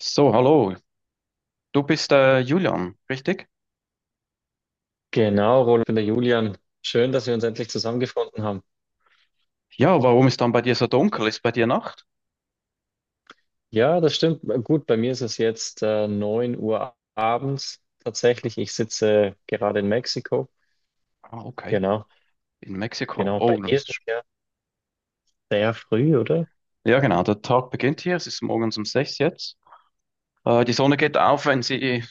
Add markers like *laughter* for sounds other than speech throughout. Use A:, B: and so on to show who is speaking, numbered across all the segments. A: So, hallo. Du bist Julian, richtig?
B: Genau, Roland, ich bin der Julian. Schön, dass wir uns endlich zusammengefunden haben.
A: Ja, warum ist dann bei dir so dunkel? Ist bei dir Nacht?
B: Ja, das stimmt. Gut, bei mir ist es jetzt 9 Uhr abends tatsächlich. Ich sitze gerade in Mexiko.
A: Ah, okay.
B: Genau,
A: In Mexiko.
B: genau. Bei
A: Oh, das
B: dir ist es
A: ist...
B: ja sehr früh, oder?
A: Ja, genau. Der Tag beginnt hier. Es ist morgens um sechs jetzt. Die Sonne geht auf, wenn sie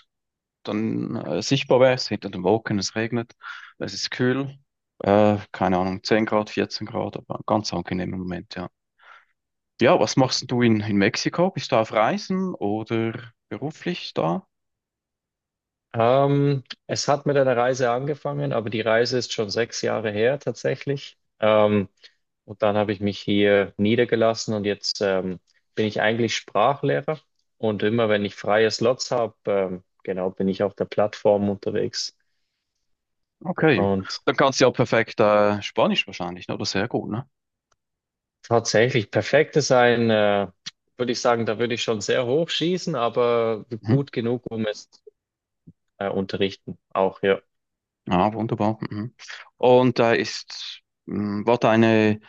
A: dann sichtbar wäre. Es ist hinter den Wolken, es regnet. Es ist kühl. Keine Ahnung, 10 Grad, 14 Grad, aber ein ganz angenehmer Moment, ja. Ja, was machst denn du in Mexiko? Bist du auf Reisen oder beruflich da?
B: Es hat mit einer Reise angefangen, aber die Reise ist schon 6 Jahre her tatsächlich. Und dann habe ich mich hier niedergelassen und jetzt bin ich eigentlich Sprachlehrer. Und immer wenn ich freie Slots habe, genau, bin ich auf der Plattform unterwegs.
A: Okay.
B: Und
A: Dann kannst du ja perfekt Spanisch wahrscheinlich, ne? Oder sehr gut, ne?
B: tatsächlich perfektes ein, würde ich sagen, da würde ich schon sehr hoch schießen, aber
A: Mhm.
B: gut genug, um es unterrichten. Auch ja.
A: Ah, wunderbar. Mhm. Und da war deine,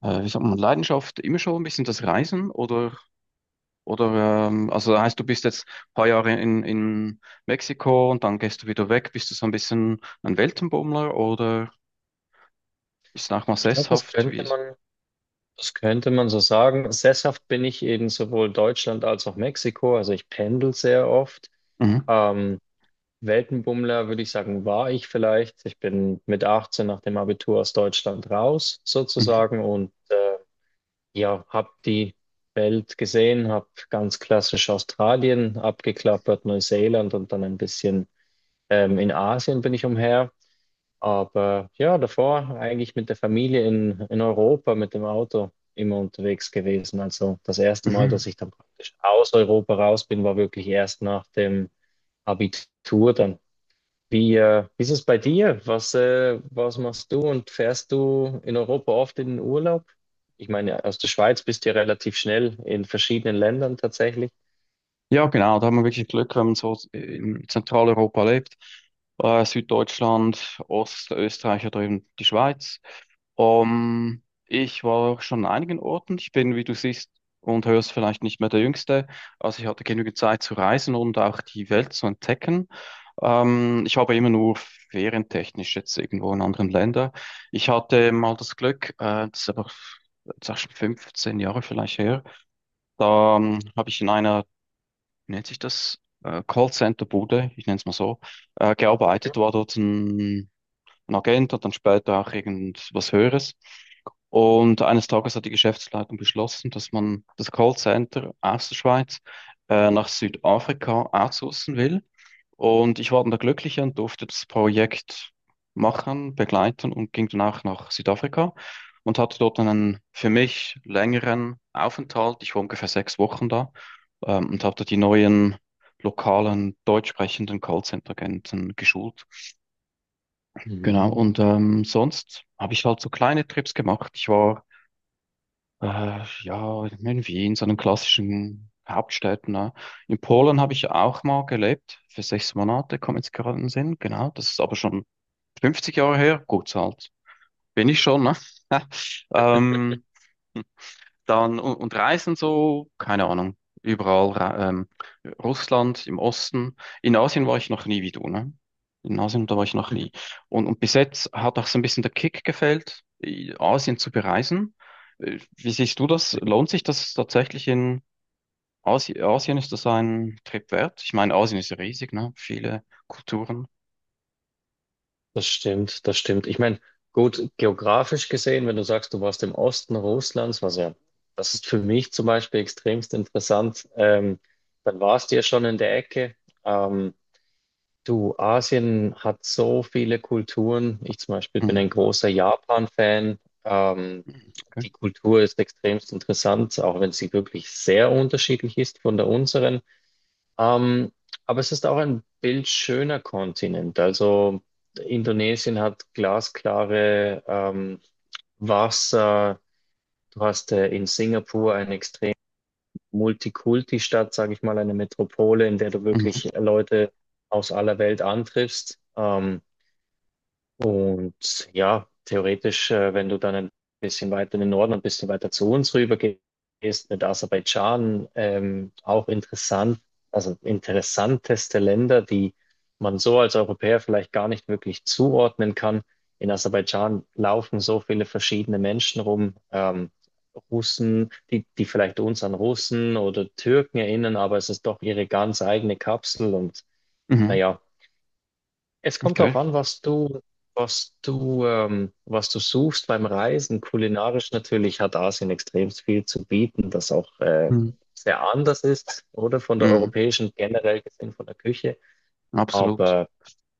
A: wie sagt man, Leidenschaft immer schon ein bisschen das Reisen oder also das heißt, du bist jetzt ein paar Jahre in Mexiko und dann gehst du wieder weg. Bist du so ein bisschen ein Weltenbummler oder ist es auch mal
B: Ich glaube,
A: sesshaft? Wie ist?
B: das könnte man so sagen. Sesshaft bin ich in sowohl Deutschland als auch Mexiko. Also ich pendel sehr oft.
A: Mhm.
B: Ähm, Weltenbummler, würde ich sagen, war ich vielleicht. Ich bin mit 18 nach dem Abitur aus Deutschland raus,
A: Mhm.
B: sozusagen, und ja, habe die Welt gesehen, habe ganz klassisch Australien abgeklappert, Neuseeland und dann ein bisschen in Asien bin ich umher. Aber ja, davor eigentlich mit der Familie in Europa mit dem Auto immer unterwegs gewesen. Also das erste Mal,
A: Mhm.
B: dass ich dann praktisch aus Europa raus bin, war wirklich erst nach dem Abitur dann. Wie, wie ist es bei dir? Was, was machst du und fährst du in Europa oft in den Urlaub? Ich meine, aus der Schweiz bist du ja relativ schnell in verschiedenen Ländern tatsächlich.
A: Ja, genau, da haben wir wirklich Glück, wenn man so in Zentraleuropa lebt, Süddeutschland, Ostösterreich oder eben die Schweiz. Ich war schon an einigen Orten. Ich bin, wie du siehst und hörst, vielleicht nicht mehr der Jüngste. Also ich hatte genügend Zeit zu reisen und auch die Welt zu entdecken. Ich habe immer nur ferientechnisch jetzt irgendwo in anderen Ländern. Ich hatte mal das Glück, das ist auch schon 15 Jahre vielleicht her, da habe ich in einer, wie nennt sich das, Callcenter-Bude, ich nenne es mal so, gearbeitet, war dort ein Agent und dann später auch irgendwas Höheres. Und eines Tages hat die Geschäftsleitung beschlossen, dass man das Callcenter aus der Schweiz nach Südafrika outsourcen will. Und ich war dann der Glückliche und durfte das Projekt machen, begleiten und ging danach nach Südafrika und hatte dort einen für mich längeren Aufenthalt. Ich war ungefähr 6 Wochen da, und habe da die neuen lokalen deutsch sprechenden Callcenter-Agenten geschult. Genau,
B: Mhm.
A: und sonst habe ich halt so kleine Trips gemacht. Ich war ja in Wien, so einen klassischen Hauptstädten. Ne? In Polen habe ich auch mal gelebt, für 6 Monate, kommt jetzt gerade in den Sinn. Genau, das ist aber schon 50 Jahre her. Gut, halt bin ich schon. Ne? *laughs* ähm, dann und Reisen so, keine Ahnung, überall, Russland, im Osten. In Asien war ich noch nie wie du, ne? In Asien, da war ich noch nie. Und bis jetzt hat auch so ein bisschen der Kick gefehlt, Asien zu bereisen. Wie siehst du das? Lohnt sich das tatsächlich in Asien? Ist das ein Trip wert? Ich meine, Asien ist ja riesig, ne? Viele Kulturen.
B: Das stimmt, das stimmt. Ich meine, gut, geografisch gesehen, wenn du sagst, du warst im Osten Russlands, was ja, das ist für mich zum Beispiel extremst interessant, dann warst du ja schon in der Ecke. Ähm, Du, Asien hat so viele Kulturen. Ich zum Beispiel bin
A: Hm.
B: ein großer Japan-Fan. Ähm,
A: Okay.
B: die Kultur ist extremst interessant, auch wenn sie wirklich sehr unterschiedlich ist von der unseren. Ähm, aber es ist auch ein bildschöner Kontinent. Also Indonesien hat glasklare Wasser. Du hast in Singapur ein extrem Multikulti-Stadt, sage ich mal, eine Metropole, in der du wirklich
A: Mhm.
B: Leute aus aller Welt antriffst. Und ja, theoretisch, wenn du dann ein bisschen weiter in den Norden und ein bisschen weiter zu uns rüber gehst, mit Aserbaidschan, auch interessant, also interessanteste Länder, die man so als Europäer vielleicht gar nicht wirklich zuordnen kann. In Aserbaidschan laufen so viele verschiedene Menschen rum, Russen, die vielleicht uns an Russen oder Türken erinnern, aber es ist doch ihre ganz eigene Kapsel und
A: Mhm.
B: naja, es kommt darauf
A: Okay.
B: an, was du, was du, was du suchst beim Reisen. Kulinarisch natürlich hat Asien extrem viel zu bieten, das auch
A: Mhm.
B: sehr anders ist, oder von der
A: Mhm.
B: europäischen generell gesehen, von der Küche.
A: Absolut.
B: Aber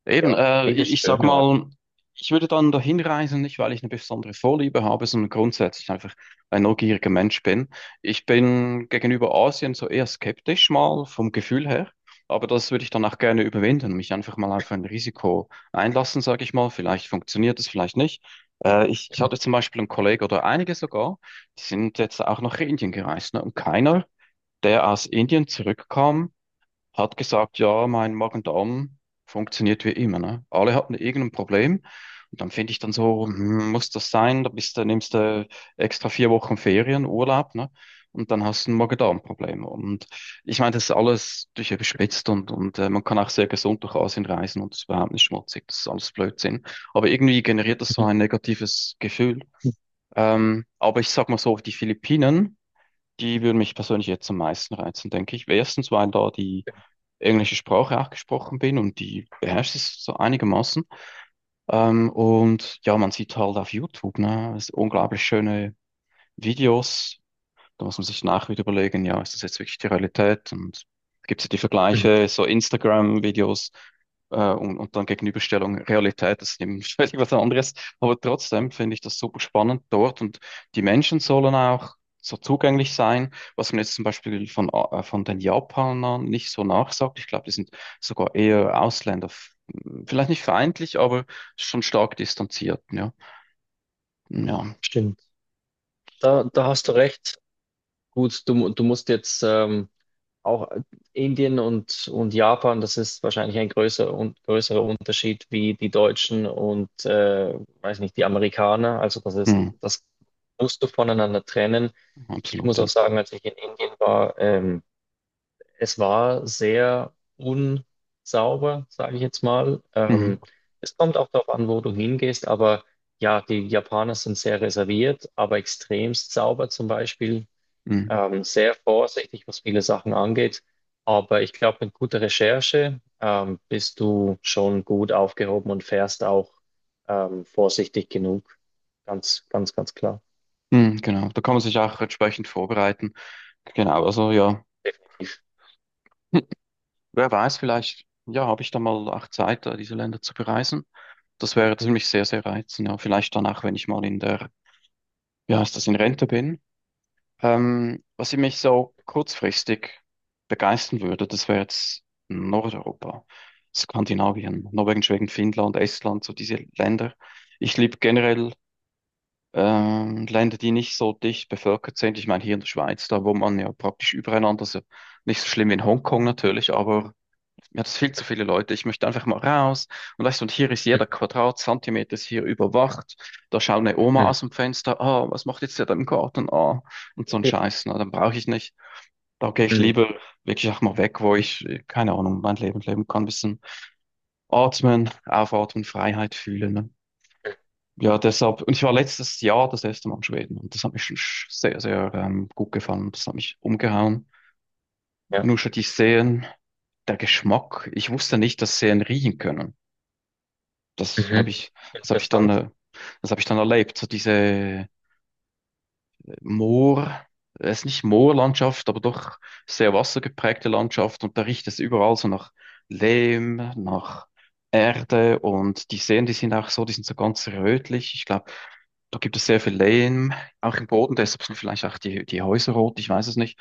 A: Eben,
B: ja, viele
A: ich sag
B: schöne Orte.
A: mal, ich würde dann dahin reisen, nicht weil ich eine besondere Vorliebe habe, sondern grundsätzlich einfach ein neugieriger Mensch bin. Ich bin gegenüber Asien so eher skeptisch mal vom Gefühl her, aber das würde ich dann auch gerne überwinden, mich einfach mal auf ein Risiko einlassen, sage ich mal. Vielleicht funktioniert es, vielleicht nicht. Ich hatte zum Beispiel einen Kollegen oder einige sogar, die sind jetzt auch nach Indien gereist, ne? Und keiner, der aus Indien zurückkam, hat gesagt, ja, mein Magen-Darm funktioniert wie immer, ne? Alle hatten irgendein Problem. Und dann finde ich dann so, hm, muss das sein? Da bist du, nimmst du extra 4 Wochen Ferien, Urlaub, ne? Und dann hast du ein Magen-Darm-Problem. Und ich meine, das ist alles durch überspitzt und man kann auch sehr gesund durch Asien reisen und es ist überhaupt nicht schmutzig. Das ist alles Blödsinn. Aber irgendwie generiert das so ein negatives Gefühl. Aber ich sag mal so, die Philippinen, die würden mich persönlich jetzt am meisten reizen, denke ich. Erstens, weil da die englische Sprache auch gesprochen bin und die beherrscht es so einigermaßen. Und ja, man sieht halt auf YouTube, ne, unglaublich schöne Videos, da muss man sich nachher wieder überlegen, ja, ist das jetzt wirklich die Realität? Und gibt es die
B: Mhm.
A: Vergleiche, so Instagram-Videos und dann Gegenüberstellung Realität, das ist eben *laughs* völlig was anderes. Aber trotzdem finde ich das super spannend dort und die Menschen sollen auch so zugänglich sein, was man jetzt zum Beispiel von den Japanern nicht so nachsagt. Ich glaube, die sind sogar eher Ausländer, vielleicht nicht feindlich, aber schon stark distanziert, ja. Ja,
B: Stimmt. Da hast du recht. Gut, du, mu- du musst jetzt auch Indien und Japan, das ist wahrscheinlich ein größer, un, größerer Unterschied wie die Deutschen und, weiß nicht, die Amerikaner. Also das ist,
A: hm,
B: das musst du voneinander trennen. Ich muss
A: absolut, ja.
B: auch sagen, als ich in Indien war, es war sehr unsauber, sage ich jetzt mal.
A: Mhm.
B: Es kommt auch darauf an, wo du hingehst, aber ja, die Japaner sind sehr reserviert, aber extremst sauber zum Beispiel
A: Mhm.
B: sehr vorsichtig, was viele Sachen angeht. Aber ich glaube, mit guter Recherche bist du schon gut aufgehoben und fährst auch vorsichtig genug. Ganz, ganz, ganz klar.
A: Hm, genau, da kann man sich auch entsprechend vorbereiten. Genau, also ja,
B: Definitiv.
A: *laughs* hm, wer weiß, vielleicht, ja, habe ich da mal auch Zeit, diese Länder zu bereisen. Das wäre ziemlich sehr, sehr reizend. Ja. Vielleicht danach, wenn ich mal in der, wie heißt das, in Rente bin. Was ich mich so kurzfristig begeistern würde, das wäre jetzt Nordeuropa, Skandinavien, Norwegen, Schweden, Finnland, Estland, so diese Länder. Ich liebe generell Länder, die nicht so dicht bevölkert sind. Ich meine, hier in der Schweiz, da wohnt man ja praktisch übereinander. Also nicht so schlimm wie in Hongkong natürlich, aber mir hat es viel zu viele Leute. Ich möchte einfach mal raus. Und weißt du, und hier ist jeder Quadratzentimeter ist hier überwacht. Da schaut eine Oma
B: Mhm.
A: aus dem Fenster. Ah, was macht jetzt der da im Garten? Ah, und so ein Scheiß. Na, dann brauche ich nicht. Da gehe ich
B: Mhm.
A: lieber wirklich auch mal weg, wo ich, keine Ahnung, mein Leben leben kann. Ein bisschen atmen, aufatmen, Freiheit fühlen. Ne? Ja, deshalb, und ich war letztes Jahr das erste Mal in Schweden und das hat mich schon sehr, sehr gut gefallen. Das hat mich umgehauen.
B: Ja.
A: Nur schon die Seen, der Geschmack. Ich wusste nicht, dass Seen riechen können. Das habe
B: Mhm.
A: ich, das habe ich dann,
B: Interessant.
A: äh, das habe ich dann erlebt. So diese Moor, es ist nicht Moorlandschaft, aber doch sehr wassergeprägte Landschaft und da riecht es überall so nach Lehm, nach Erde und die Seen, die sind auch so, die sind so ganz rötlich. Ich glaube, da gibt es sehr viel Lehm, auch im Boden, deshalb sind vielleicht auch die Häuser rot, ich weiß es nicht.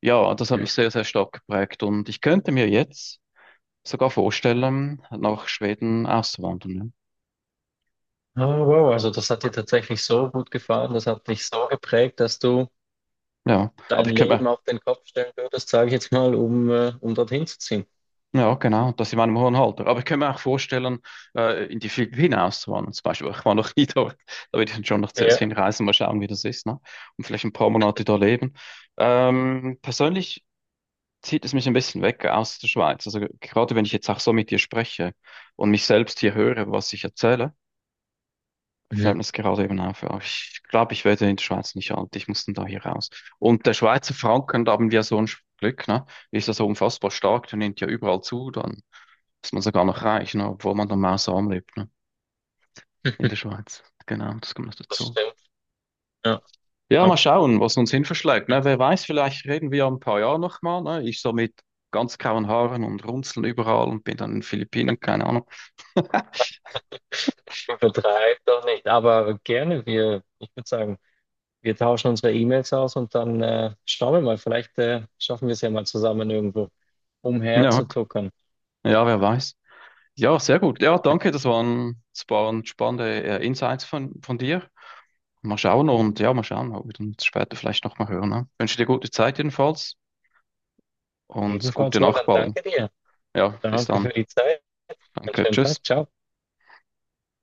A: Ja, das hat
B: Mhm.
A: mich sehr, sehr stark geprägt und ich könnte mir jetzt sogar vorstellen, nach Schweden auszuwandern.
B: Oh, wow, also das hat dir tatsächlich so gut gefallen, das hat dich so geprägt, dass du
A: Ja, ja. aber
B: dein
A: ich könnte
B: Leben
A: mir
B: auf den Kopf stellen würdest, sage ich jetzt mal, um, um dorthin zu ziehen.
A: Ja, genau, das in meinem hohen Alter. Aber ich könnte mir auch vorstellen, in die Philippinen auszuwandern zum Beispiel. Ich war noch *laughs* nie dort. Da würde ich dann schon noch zuerst
B: Ja.
A: hinreisen, mal schauen, wie das ist, ne? Und vielleicht ein paar Monate da leben. Persönlich zieht es mich ein bisschen weg aus der Schweiz. Also gerade wenn ich jetzt auch so mit dir spreche und mich selbst hier höre, was ich erzähle, fällt
B: Mhm.
A: mir das gerade eben auf. Ja, ich glaube, ich werde in der Schweiz nicht alt. Ich muss dann da hier raus. Und der Schweizer Franken, da haben wir so ein Glück, ne? Ist ja so unfassbar stark, der nimmt ja überall zu. Dann dass man sogar noch reich, ne? Obwohl man normal arm lebt, ne? In der
B: *laughs*
A: Schweiz. Genau, das kommt noch
B: Das
A: dazu.
B: stimmt. Ja,
A: Ja, mal
B: absolut.
A: schauen, was uns hin verschlägt, ne? Wer weiß, vielleicht reden wir ja ein paar Jahre nochmal, ne? Ich so mit ganz grauen Haaren und Runzeln überall und bin dann in den Philippinen, keine Ahnung.
B: Übertreib doch nicht, aber gerne. Wir, ich würde sagen, wir tauschen unsere E-Mails aus und dann schauen wir mal. Vielleicht schaffen wir es ja mal zusammen irgendwo
A: Ja,
B: umherzutuckern.
A: ja, wer weiß. Ja, sehr gut. Ja, danke, das waren spannende Insights von dir. Mal schauen und ja, mal schauen, ob wir uns später vielleicht nochmal hören. Ne? Wünsche dir gute Zeit jedenfalls und gute
B: Ebenfalls,
A: Nacht
B: Roland,
A: bald.
B: danke dir.
A: Ja, bis
B: Danke
A: dann.
B: für die Zeit. Einen
A: Danke,
B: schönen
A: tschüss.
B: Tag. Ciao.